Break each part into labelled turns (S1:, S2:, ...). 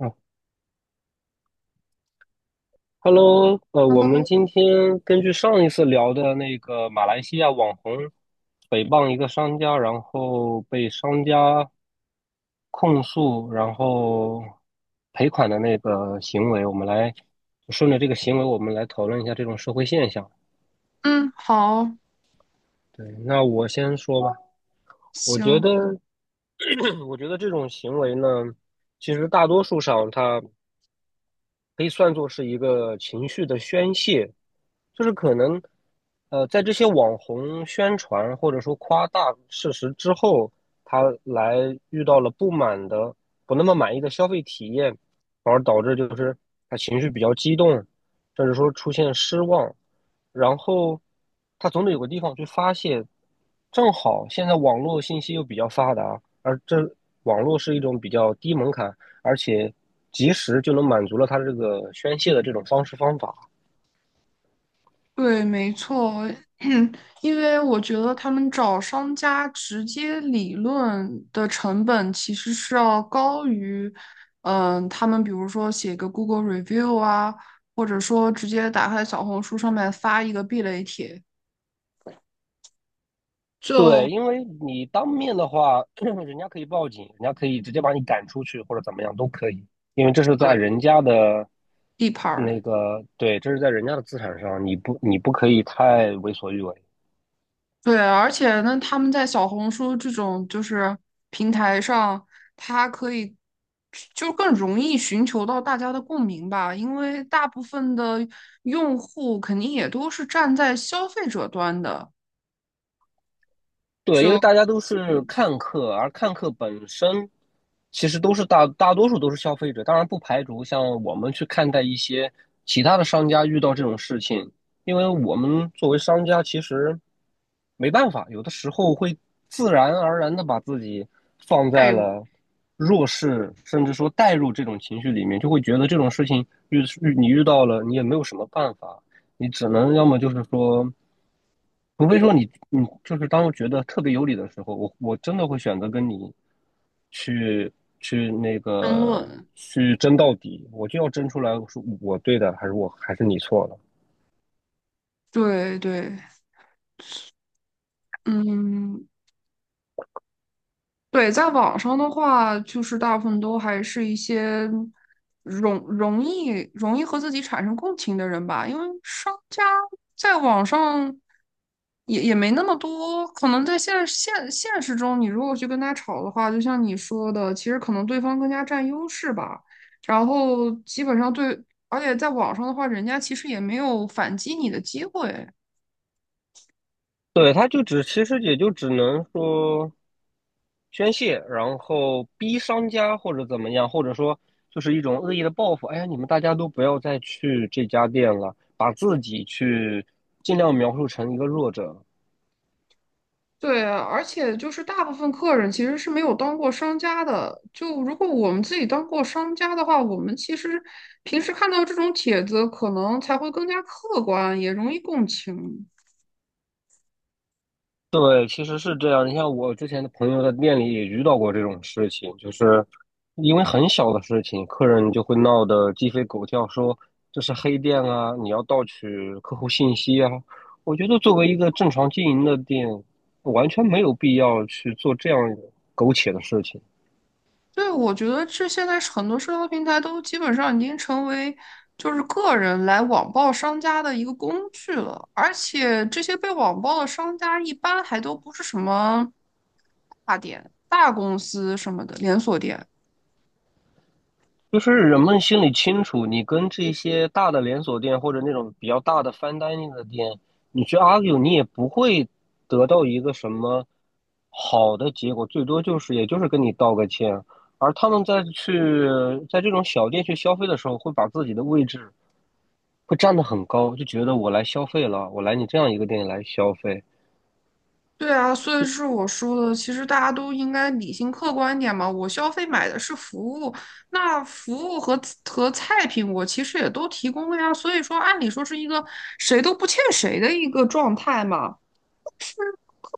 S1: 嗯，Hello，我们
S2: Hello，
S1: 今天根据上一次聊的那个马来西亚网红诽谤一个商家，然后被商家控诉，然后赔款的那个行为，我们来顺着这个行为，我们来讨论一下这种社会现象。
S2: 嗯，好，
S1: 对，那我先说吧，我觉得，
S2: 行，
S1: 我觉得这种行为呢，其实大多数上它。可以算作是一个情绪的宣泄，就是可能，在这些网红宣传或者说夸大事实之后，他来遇到了不满的、不那么满意的消费体验，反而导致就是他情绪比较激动，甚至说出现失望，然后他总得有个地方去发泄。正好现在网络信息又比较发达，而这网络是一种比较低门槛。而且及时就能满足了他这个宣泄的这种方式方法。
S2: 对，没错，因为我觉得他们找商家直接理论的成本其实是要高于，嗯，他们比如说写个 Google review 啊，或者说直接打开小红书上面发一个避雷帖，
S1: 对，
S2: 就
S1: 因为你当面的话，人家可以报警，人家可以直接把你赶出去或者怎么样都可以，因为这是在
S2: 对
S1: 人家的
S2: 地盘儿。
S1: 那个，对，这是在人家的资产上，你不可以太为所欲为。
S2: 对，而且呢，他们在小红书这种就是平台上，它可以就更容易寻求到大家的共鸣吧，因为大部分的用户肯定也都是站在消费者端的，
S1: 对，因
S2: 就
S1: 为大家都是
S2: 嗯
S1: 看客，而看客本身其实都是大多数都是消费者，当然不排除像我们去看待一些其他的商家遇到这种事情，因为我们作为商家其实没办法，有的时候会自然而然的把自己放
S2: 代
S1: 在
S2: 入
S1: 了弱势，甚至说带入这种情绪里面，就会觉得这种事情你遇到了，你也没有什么办法，你只能要么就是说。除非说你，你就是当我觉得特别有理的时候，我真的会选择跟你去去那
S2: 争
S1: 个
S2: 论。
S1: 去争到底，我就要争出来，是我对的，还是我还是你错了？
S2: 对对，嗯，对，在网上的话，就是大部分都还是一些容容易容易和自己产生共情的人吧，因为商家在网上也没那么多，可能在现实中，你如果去跟他吵的话，就像你说的，其实可能对方更加占优势吧。然后基本上对，而且在网上的话，人家其实也没有反击你的机会。
S1: 对，他就只其实也就只能说宣泄，然后逼商家或者怎么样，或者说就是一种恶意的报复。哎呀，你们大家都不要再去这家店了，把自己去尽量描述成一个弱者，
S2: 对，而且就是大部分客人其实是没有当过商家的。就如果我们自己当过商家的话，我们其实平时看到这种帖子，可能才会更加客观，也容易共情。
S1: 对，其实是这样。你像我之前的朋友在店里也遇到过这种事情，就是因为很小的事情，客人就会闹得鸡飞狗跳，说这是黑店啊，你要盗取客户信息啊。我觉得作为一个正常经营的店，完全没有必要去做这样苟且的事情。
S2: 对，我觉得这现在是很多社交平台都基本上已经成为就是个人来网暴商家的一个工具了，而且这些被网暴的商家一般还都不是什么大店、大公司什么的连锁店。
S1: 就是人们心里清楚，你跟这些大的连锁店或者那种比较大的 fine dining 的店，你去 argue，你也不会得到一个什么好的结果，最多就是也就是跟你道个歉。而他们在这种小店去消费的时候，会把自己的位置会站得很高，就觉得我来消费了，我来你这样一个店里来消费。
S2: 对啊，所以是我说的，其实大家都应该理性客观一点嘛。我消费买的是服务，那服务和菜品我其实也都提供了呀。所以说，按理说是一个谁都不欠谁的一个状态嘛。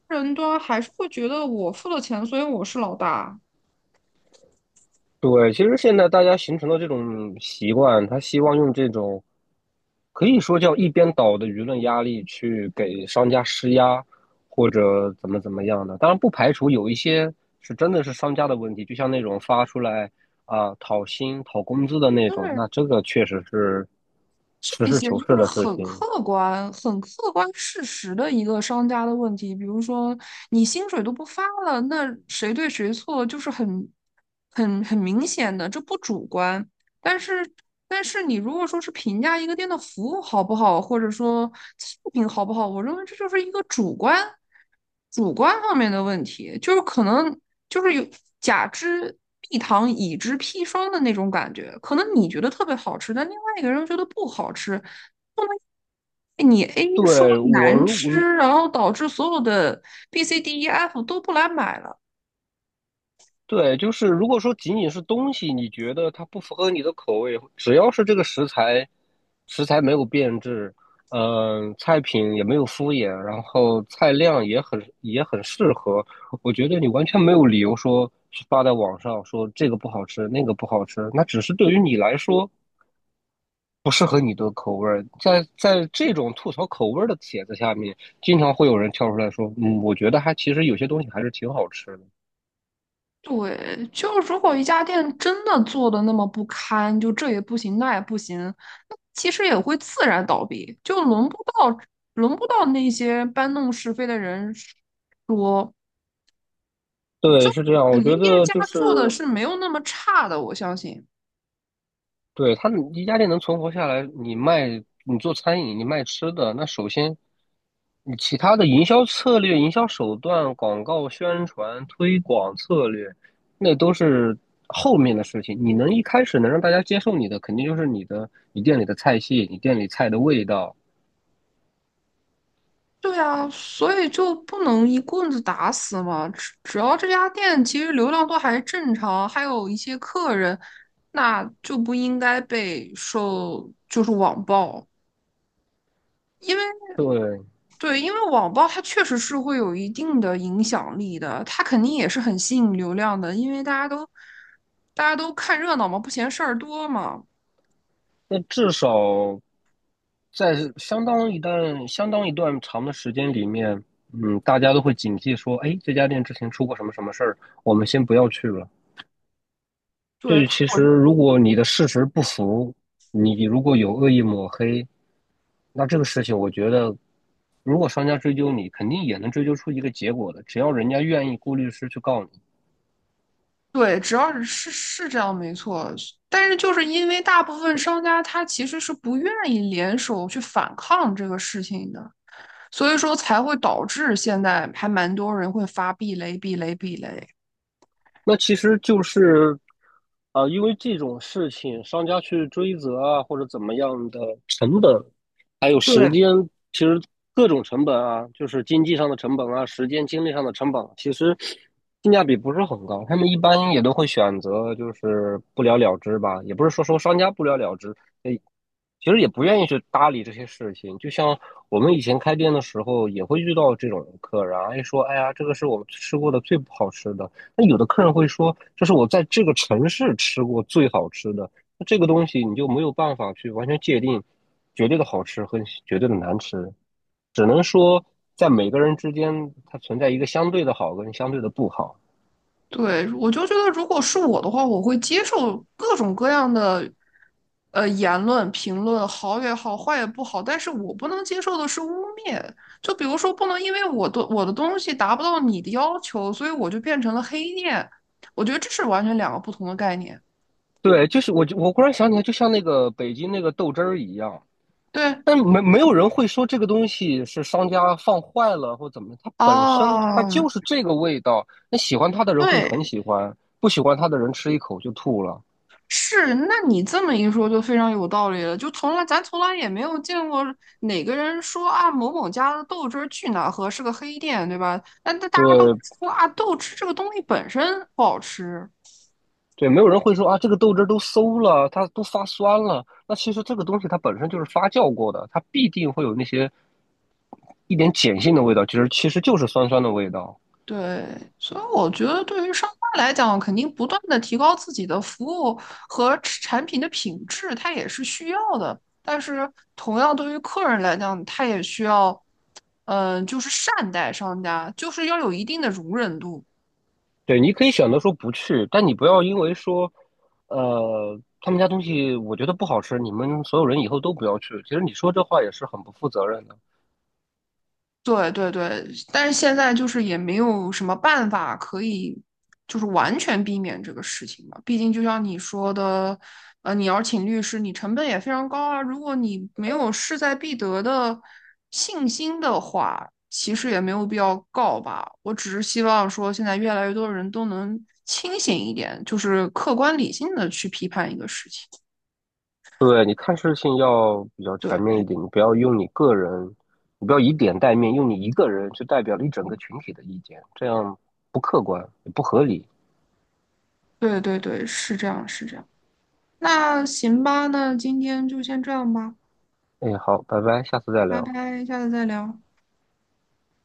S2: 人端还是会觉得我付了钱，所以我是老大。
S1: 对，其实现在大家形成的这种习惯，他希望用这种可以说叫一边倒的舆论压力去给商家施压，或者怎么怎么样的。当然，不排除有一些是真的是商家的问题，就像那种发出来啊、讨薪、讨工资的那种，那这个确实是实
S2: 这
S1: 事
S2: 些
S1: 求是
S2: 就是
S1: 的事
S2: 很
S1: 情。
S2: 客观、很客观事实的一个商家的问题。比如说，你薪水都不发了，那谁对谁错就是很明显的，这不主观。但是，但是你如果说是评价一个店的服务好不好，或者说素品好不好，我认为这就是一个主观方面的问题，就是可能就是有甲之蜜糖，乙之砒霜的那种感觉。可能你觉得特别好吃，但另外一个人觉得不好吃，不能你 A 说
S1: 对，我
S2: 难
S1: 如果
S2: 吃，然后导致所有的 B、C、D、E、F 都不来买了。
S1: 对，就是如果说仅仅是东西，你觉得它不符合你的口味，只要是这个食材，食材没有变质，嗯、菜品也没有敷衍，然后菜量也很适合，我觉得你完全没有理由说是发在网上说这个不好吃，那个不好吃，那只是对于你来说不适合你的口味儿。在这种吐槽口味儿的帖子下面，经常会有人跳出来说，嗯，我觉得还其实有些东西还是挺好吃的。
S2: 对，就如果一家店真的做的那么不堪，就这也不行，那也不行，那其实也会自然倒闭，就轮不到那些搬弄是非的人说，
S1: 对，是这样。我
S2: 肯定
S1: 觉
S2: 店
S1: 得
S2: 家
S1: 就是
S2: 做的是没有那么差的，我相信。
S1: 对，他们一家店能存活下来，你卖，你做餐饮，你卖吃的，那首先你其他的营销策略、营销手段、广告宣传、推广策略，那都是后面的事情。你能一开始能让大家接受你的，肯定就是你店里的菜系，你店里菜的味道。
S2: 对啊，所以就不能一棍子打死嘛，只要这家店其实流量都还正常，还有一些客人，那就不应该被受就是网暴。因为。
S1: 对，
S2: 对，因为网暴它确实是会有一定的影响力的，它肯定也是很吸引流量的，因为大家都看热闹嘛，不嫌事儿多嘛。
S1: 那至少在相当一段、相当一段长的时间里面，嗯，大家都会警惕说，哎，这家店之前出过什么什么事儿，我们先不要去了。
S2: 对，
S1: 对，
S2: 它
S1: 其
S2: 我
S1: 实
S2: 就
S1: 如果你的事实不符，你如果有恶意抹黑，那这个事情我觉得，如果商家追究你，肯定也能追究出一个结果的，只要人家愿意雇律师去告你。
S2: 对，只要是是这样没错，但是就是因为大部分商家他其实是不愿意联手去反抗这个事情的，所以说才会导致现在还蛮多人会发避雷。
S1: 那其实就是，因为这种事情，商家去追责啊，或者怎么样的成本，还有时
S2: 对，
S1: 间，其实各种成本啊，就是经济上的成本啊，时间精力上的成本，其实性价比不是很高。他们一般也都会选择就是不了了之吧，也不是说商家不了了之，呃，其实也不愿意去搭理这些事情。就像我们以前开店的时候，也会遇到这种客人啊，哎说，哎呀，这个是我们吃过的最不好吃的。那有的客人会说，这是我在这个城市吃过最好吃的。这个东西你就没有办法去完全界定绝对的好吃和绝对的难吃，只能说在每个人之间它存在一个相对的好跟相对的不好。
S2: 对，我就觉得，如果是我的话，我会接受各种各样的言论、评论，好也好，坏也不好。但是我不能接受的是污蔑，就比如说，不能因为我的东西达不到你的要求，所以我就变成了黑店。我觉得这是完全两个不同的概念。
S1: 对，就是我忽然想起来，就像那个北京那个豆汁儿一样，
S2: 对，
S1: 但没有人会说这个东西是商家放坏了或怎么，它本身它
S2: 哦，
S1: 就是这个味道，那喜欢它的人会很
S2: 对，
S1: 喜欢，不喜欢它的人吃一口就吐了。
S2: 是，那你这么一说就非常有道理了。就咱从来也没有见过哪个人说啊某某家的豆汁儿去哪喝是个黑店，对吧？但那大家都会
S1: 对，
S2: 说啊豆汁这个东西本身不好吃。
S1: 对，没有人会说啊，这个豆汁儿都馊了，它都发酸了。那其实这个东西它本身就是发酵过的，它必定会有那些一点碱性的味道，其实就是酸酸的味道。
S2: 对，所以我觉得对于商家来讲，肯定不断的提高自己的服务和产品的品质，它也是需要的。但是同样对于客人来讲，他也需要，嗯、就是善待商家，就是要有一定的容忍度。
S1: 对，你可以选择说不去，但你不要因为说，他们家东西我觉得不好吃，你们所有人以后都不要去。其实你说这话也是很不负责任的。
S2: 对，但是现在就是也没有什么办法可以，就是完全避免这个事情嘛。毕竟就像你说的，你要请律师，你成本也非常高啊。如果你没有势在必得的信心的话，其实也没有必要告吧。我只是希望说，现在越来越多人都能清醒一点，就是客观理性的去批判一个事情。
S1: 对，你看事情要比较全面一
S2: 对
S1: 点，你不要用你个人，你不要以点带面，用你一个人去代表了一整个群体的意见，这样不客观也不合理。
S2: 对，是这样是这样。那行吧，那今天就先这样吧。
S1: 哎，好，拜拜，下次再
S2: 拜
S1: 聊。
S2: 拜，下次再聊。